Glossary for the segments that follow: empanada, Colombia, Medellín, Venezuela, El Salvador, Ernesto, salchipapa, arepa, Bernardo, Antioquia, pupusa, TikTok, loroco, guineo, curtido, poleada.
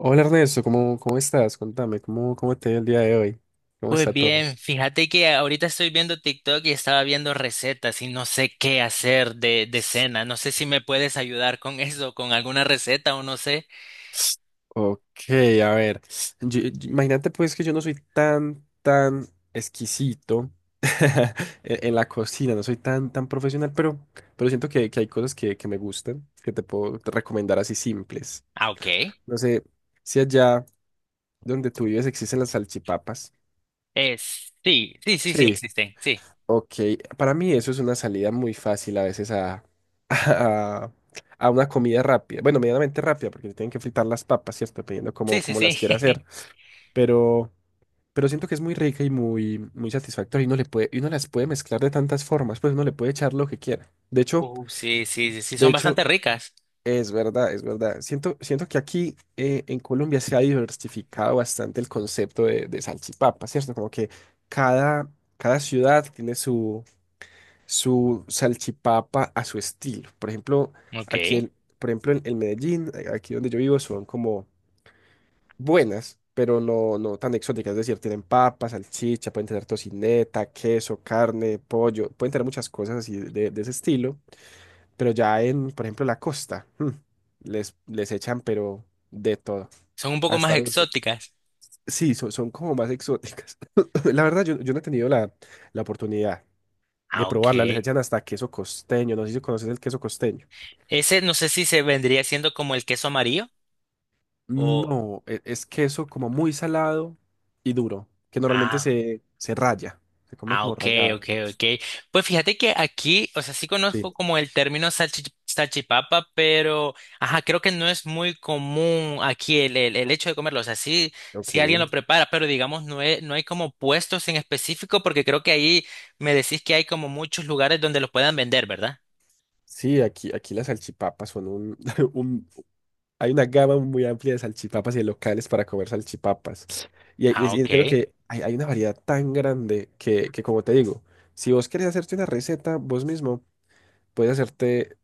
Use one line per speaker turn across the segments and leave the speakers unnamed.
Hola Ernesto, ¿cómo estás? Contame, ¿cómo te ha el día de hoy? ¿Cómo
Pues
está todo?
bien, fíjate que ahorita estoy viendo TikTok y estaba viendo recetas y no sé qué hacer de cena. No sé si me puedes ayudar con eso, con alguna receta o no sé.
Ok, a ver, imagínate pues que yo no soy tan exquisito en la cocina, no soy tan profesional, pero siento que hay cosas que me gustan, que te puedo recomendar así simples.
Ah, ok.
No sé si allá donde tú vives existen las salchipapas.
Es, sí, sí, sí, sí
Sí.
existen. Sí,
Ok, para mí eso es una salida muy fácil a veces a, a una comida rápida. Bueno, medianamente rápida, porque le tienen que fritar las papas, ¿cierto? Dependiendo cómo,
sí, sí,
cómo
sí.
las quiera hacer. Pero, pero siento que es muy rica y muy, muy satisfactoria. Y y uno las puede mezclar de tantas formas, pues uno le puede echar lo que quiera. De hecho,
Sí, sí, sí, sí,
de
son
hecho,
bastante ricas.
es verdad, es verdad. Siento que aquí en Colombia se ha diversificado bastante el concepto de salchipapa, ¿cierto? Como que cada, cada ciudad tiene su salchipapa a su estilo. Por ejemplo, aquí
Ok.
en, por ejemplo, en Medellín, aquí donde yo vivo, son como buenas, pero no, no tan exóticas. Es decir, tienen papas, salchicha, pueden tener tocineta, queso, carne, pollo, pueden tener muchas cosas así de ese estilo. Pero ya por ejemplo, la costa, les echan, pero de todo,
Son un poco más
hasta dulces.
exóticas.
Sí, son como más exóticas. La verdad, yo no he tenido la oportunidad de
Ah, ok.
probarla, les echan hasta queso costeño, no sé si conoces el queso costeño.
Ese no sé si se vendría siendo como el queso amarillo o...
No, es queso como muy salado y duro, que normalmente
Ah.
se raya, se come
Ah,
como
ok,
rallada.
ok, ok. Pues fíjate que aquí, o sea, sí
Sí,
conozco como el término salchipapa, pero, ajá, creo que no es muy común aquí el hecho de comerlo. O sea, sí,
ok.
sí alguien lo prepara, pero digamos, no, no hay como puestos en específico, porque creo que ahí me decís que hay como muchos lugares donde los puedan vender, ¿verdad?
Sí, aquí las salchipapas. Un- Hay una gama muy amplia de salchipapas y de locales para comer salchipapas. Y, hay- y,
Ah,
es- y en
ok.
lo que hay una variedad tan grande que, como te digo, si vos querés hacerte una receta vos mismo, puedes hacerte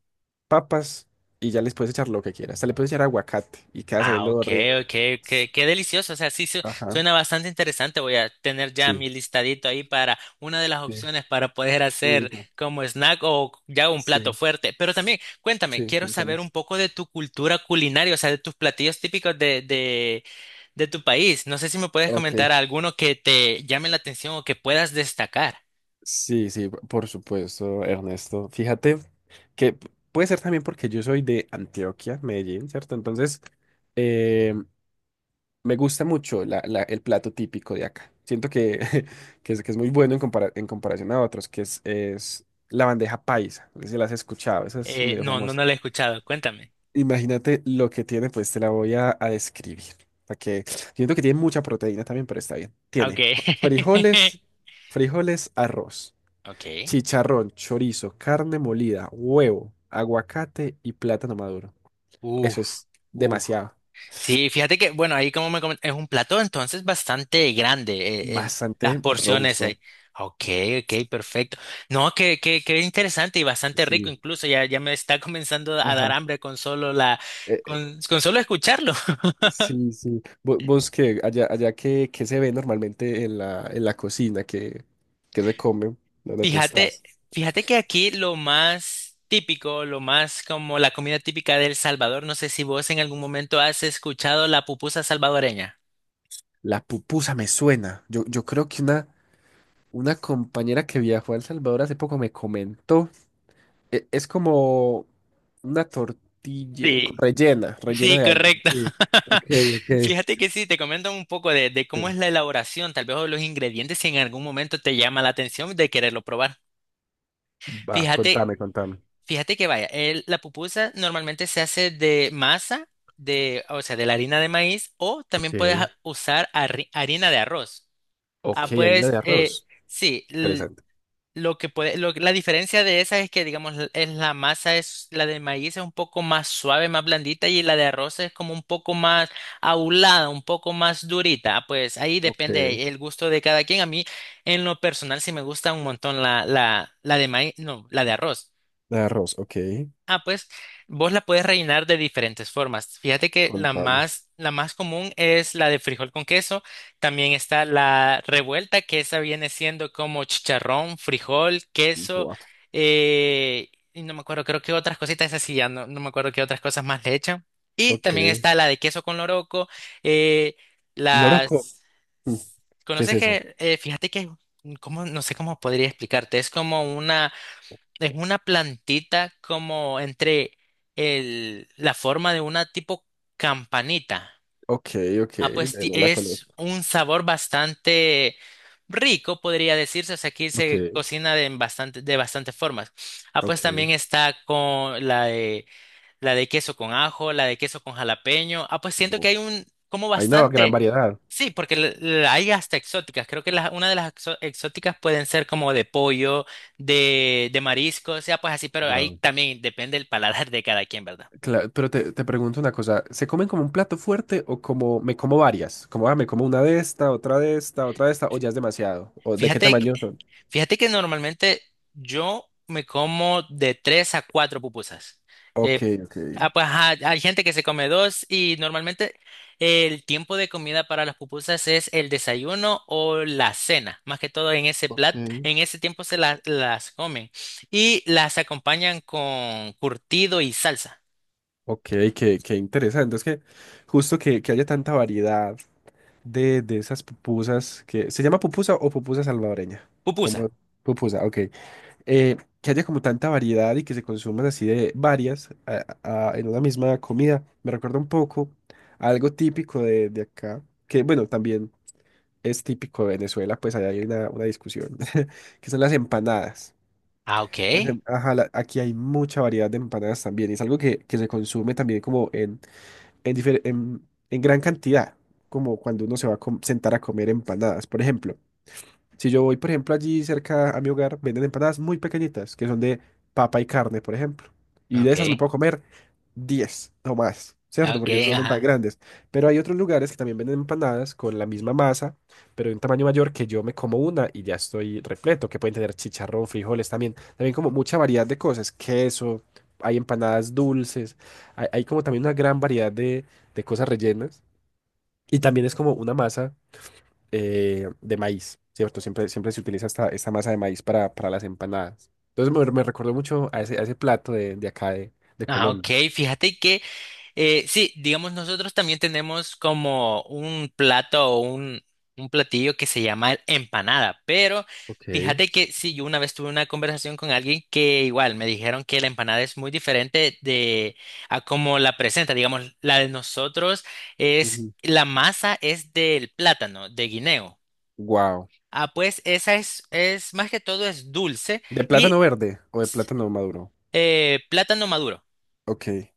papas y ya les puedes echar lo que quieras. Hasta le puedes echar aguacate y queda
Ah,
sabiendo
ok,
rico.
ok, qué delicioso. O sea, sí
Ajá,
suena bastante interesante. Voy a tener ya
sí,
mi listadito ahí para una de las
sí,
opciones para poder
sí,
hacer
no,
como snack o ya un plato
sí,
fuerte. Pero también, cuéntame,
sí,
quiero
contame.
saber un poco de tu cultura culinaria, o sea, de tus platillos típicos de tu país. No sé si me puedes
Ok,
comentar alguno que te llame la atención o que puedas destacar.
sí, sí, por supuesto, Ernesto. Fíjate que puede ser también porque yo soy de Antioquia, Medellín, ¿cierto? Entonces, eh, me gusta mucho el plato típico de acá. Siento que es muy bueno en comparación a otros, es la bandeja paisa. No sé si la has escuchado, esa es medio
No, no,
famosa.
no lo he escuchado. Cuéntame.
Imagínate lo que tiene, pues te la voy a describir. Para que siento que tiene mucha proteína también, pero está bien.
Ah, ok.
Tiene frijoles, frijoles, arroz,
Ok.
chicharrón, chorizo, carne molida, huevo, aguacate y plátano maduro.
Uf,
Eso es
uf.
demasiado,
Sí, fíjate que, bueno, ahí como es un plato entonces bastante grande, las
bastante
porciones
robusto.
ahí. Ok, ok, perfecto. No, que interesante y bastante rico
Sí,
incluso, ya, ya me está comenzando a dar
ajá.
hambre con solo la,
Eh, eh,
con, con solo escucharlo.
sí, sí. Vos, que allá que, se ve normalmente en la cocina, que se come, donde tú
Fíjate,
estás.
fíjate que aquí lo más típico, lo más como la comida típica de El Salvador, no sé si vos en algún momento has escuchado la pupusa salvadoreña.
La pupusa me suena. Yo creo que una compañera que viajó a El Salvador hace poco me comentó. Es como una tortilla
Sí.
rellena
Sí,
de algo.
correcto.
Sí. Ok, ok.
Fíjate que sí, te comento un poco de
Sí.
cómo es la elaboración, tal vez o los ingredientes, si en algún momento te llama la atención de quererlo probar.
Va,
Fíjate,
contame, contame.
fíjate que vaya, la pupusa normalmente se hace de masa, de, o sea, de la harina de maíz, o también puedes
Ok.
usar harina de arroz.
Ok,
Ah,
harina de
pues,
arroz.
sí,
Interesante.
lo que puede, lo, la diferencia de esa es que, digamos, es la masa es, la de maíz es un poco más suave, más blandita, y la de arroz es como un poco más aulada, un poco más durita. Pues ahí
Ok. De
depende el gusto de cada quien. A mí, en lo personal, sí me gusta un montón la de maíz, no, la de arroz.
arroz, ok.
Ah, pues vos la puedes rellenar de diferentes formas. Fíjate que
Contame.
la más común es la de frijol con queso. También está la revuelta, que esa viene siendo como chicharrón, frijol, queso,
Buah,
y no me acuerdo, creo que otras cositas, esas sí ya no me acuerdo qué otras cosas más le echan. Y también
ok.
está la de queso con loroco, eh,
Loroco.
las...
Mm, ¿Qué es
¿Conoces
eso?
que, fíjate que, mm, ¿cómo? No sé cómo podría explicarte, es como una... Es una plantita como entre la forma de una tipo campanita.
Ok, ok.
Ah, pues
No la
es
conozco.
un sabor bastante rico, podría decirse. O sea, aquí
Ok,
se cocina de bastantes formas. Ah, pues
ok.
también está con la de queso con ajo, la de queso con jalapeño. Ah, pues siento
Uf,
que hay un, como
hay una gran
bastante.
variedad.
Sí, porque hay hasta exóticas. Creo que una de las exóticas pueden ser como de pollo, de marisco, o sea, pues así, pero ahí también depende el paladar de cada quien, ¿verdad?
Claro, pero te pregunto una cosa, ¿se comen como un plato fuerte o como me como varias? Como ah, me como una de esta, otra de esta, otra de esta, o ya es demasiado, o de qué
Fíjate
tamaño son.
Fíjate que normalmente yo me como de tres a cuatro pupusas.
Ok,
Eh,
ok,
ah, pues, ajá, hay gente que se come dos y normalmente el tiempo de comida para las pupusas es el desayuno o la cena. Más que todo en ese
ok.
plat, en ese tiempo las comen y las acompañan con curtido y salsa.
Ok, qué interesante. Es que justo que haya tanta variedad de esas pupusas que. ¿Se llama pupusa o pupusa salvadoreña?
Pupusa.
Como pupusa, ok. Que haya como tanta variedad y que se consuman así de varias en una misma comida, me recuerda un poco a algo típico de acá, que bueno, también es típico de Venezuela, pues ahí hay una discusión, que son las empanadas.
Ah, ok.
Ajá, aquí hay mucha variedad de empanadas también, y es algo que se consume también como en gran cantidad, como cuando uno se va a sentar a comer empanadas, por ejemplo. Si yo voy, por ejemplo, allí cerca a mi hogar, venden empanadas muy pequeñitas, que son de papa y carne, por ejemplo. Y de esas me
Ok.
puedo comer 10 o más, ¿cierto?
Ok,
Porque no son tan
ajá.
grandes. Pero hay otros lugares que también venden empanadas con la misma masa, pero de un tamaño mayor que yo me como una y ya estoy repleto, que pueden tener chicharrón, frijoles también. También como mucha variedad de cosas, queso, hay empanadas dulces, hay como también una gran variedad de cosas rellenas. Y también es como una masa de maíz, ¿cierto? Siempre se utiliza esta masa de maíz para las empanadas. Entonces me recordó mucho a ese plato de acá de
Ah, ok.
Colombia.
Fíjate que eh, sí, digamos, nosotros también tenemos como un plato o un platillo que se llama el empanada, pero
Ok.
fíjate que sí, yo una vez tuve una conversación con alguien que igual me dijeron que la empanada es muy diferente de a cómo la presenta, digamos, la de nosotros es,
Ujú.
la masa es del plátano, de guineo.
Wow.
Ah, pues esa es más que todo es dulce
¿De
y
plátano verde o de plátano maduro?
plátano maduro.
Ok.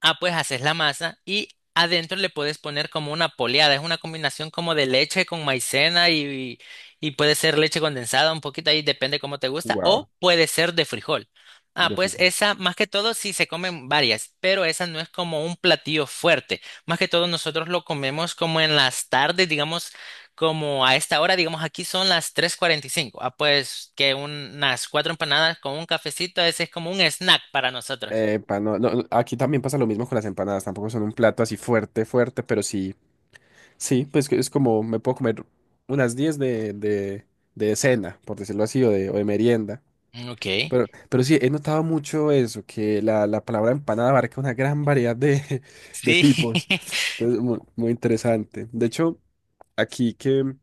Ah, pues haces la masa y adentro le puedes poner como una poleada. Es una combinación como de leche con maicena y puede ser leche condensada, un poquito ahí, depende cómo te gusta, o
Wow.
puede ser de frijol. Ah,
De
pues
frijol.
esa, más que todo, sí se comen varias, pero esa no es como un platillo fuerte. Más que todo, nosotros lo comemos como en las tardes, digamos, como a esta hora, digamos, aquí son las 3:45. Ah, pues que unas cuatro empanadas con un cafecito, ese es como un snack para nosotros.
Epa, no, no, no, aquí también pasa lo mismo con las empanadas. Tampoco son un plato así fuerte, fuerte, pero sí. Sí, pues que es como me puedo comer unas 10 de cena, por decirlo así, o de merienda.
Ok.
Pero sí, he notado mucho eso, que la palabra empanada abarca una gran variedad de
Sí,
tipos. Entonces, muy, interesante. De hecho, aquí que,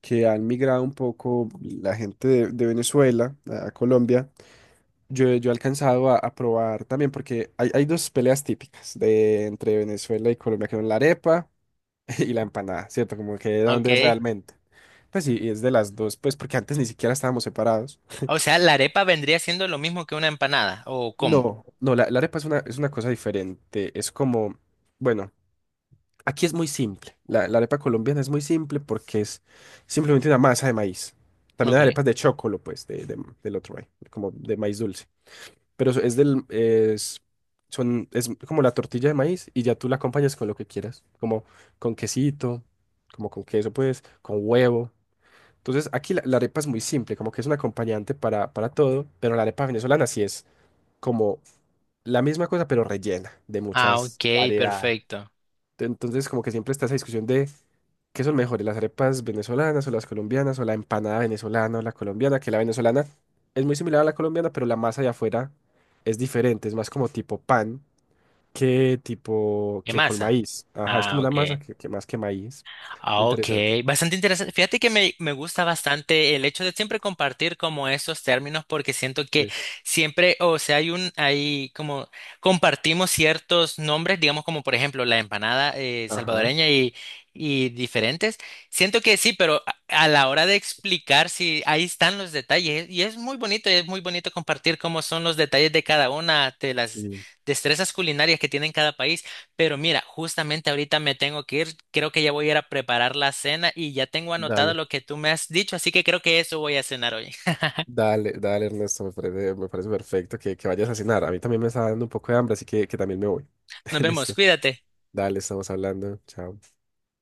que han migrado un poco la gente de Venezuela a Colombia, yo he alcanzado a probar también, porque hay dos peleas típicas entre Venezuela y Colombia, que son la arepa y la empanada, ¿cierto? Como que de dónde es
ok.
realmente. Pues sí, y es de las dos, pues porque antes ni siquiera estábamos separados.
O sea, la arepa vendría siendo lo mismo que una empanada, ¿o cómo?
No, no, la arepa es una cosa diferente. Es como, bueno, aquí es muy simple. La arepa colombiana es muy simple porque es simplemente una masa de maíz. También hay
Ok.
arepas de chocolo, pues, del otro maíz, como de maíz dulce. Pero es del, es, son, es como la tortilla de maíz y ya tú la acompañas con lo que quieras, como con quesito, como con queso, pues, con huevo. Entonces, aquí la arepa es muy simple, como que es un acompañante para todo, pero la arepa venezolana sí es como la misma cosa, pero rellena de
Ah,
muchas
ok,
variedades.
perfecto.
Entonces, como que siempre está esa discusión de qué son mejores, las arepas venezolanas o las colombianas, o la empanada venezolana o la colombiana, que la venezolana es muy similar a la colombiana, pero la masa de afuera es diferente, es más como tipo pan que tipo
¿Qué
que con
masa?
maíz. Ajá, es como
Ah,
una
ok.
masa que más que maíz.
Ah,
Muy
ok,
interesante.
bastante interesante. Fíjate que me gusta bastante el hecho de siempre compartir como esos términos porque siento que
Sí.
siempre, o sea, hay un, hay como compartimos ciertos nombres, digamos como por ejemplo la empanada
Ajá,
salvadoreña y diferentes. Siento que sí, pero a la hora de explicar, sí, ahí están los detalles y es muy bonito compartir cómo son los detalles de cada una de las
sí.
destrezas culinarias que tienen cada país. Pero mira, justamente ahorita me tengo que ir, creo que ya voy a ir a preparar la cena y ya tengo anotado
Dale.
lo que tú me has dicho, así que creo que eso voy a cenar hoy.
Dale, dale, Ernesto, me parece perfecto que vayas a cenar. A mí también me está dando un poco de hambre, así que también me voy.
Nos vemos,
Listo.
cuídate.
Dale, estamos hablando. Chao.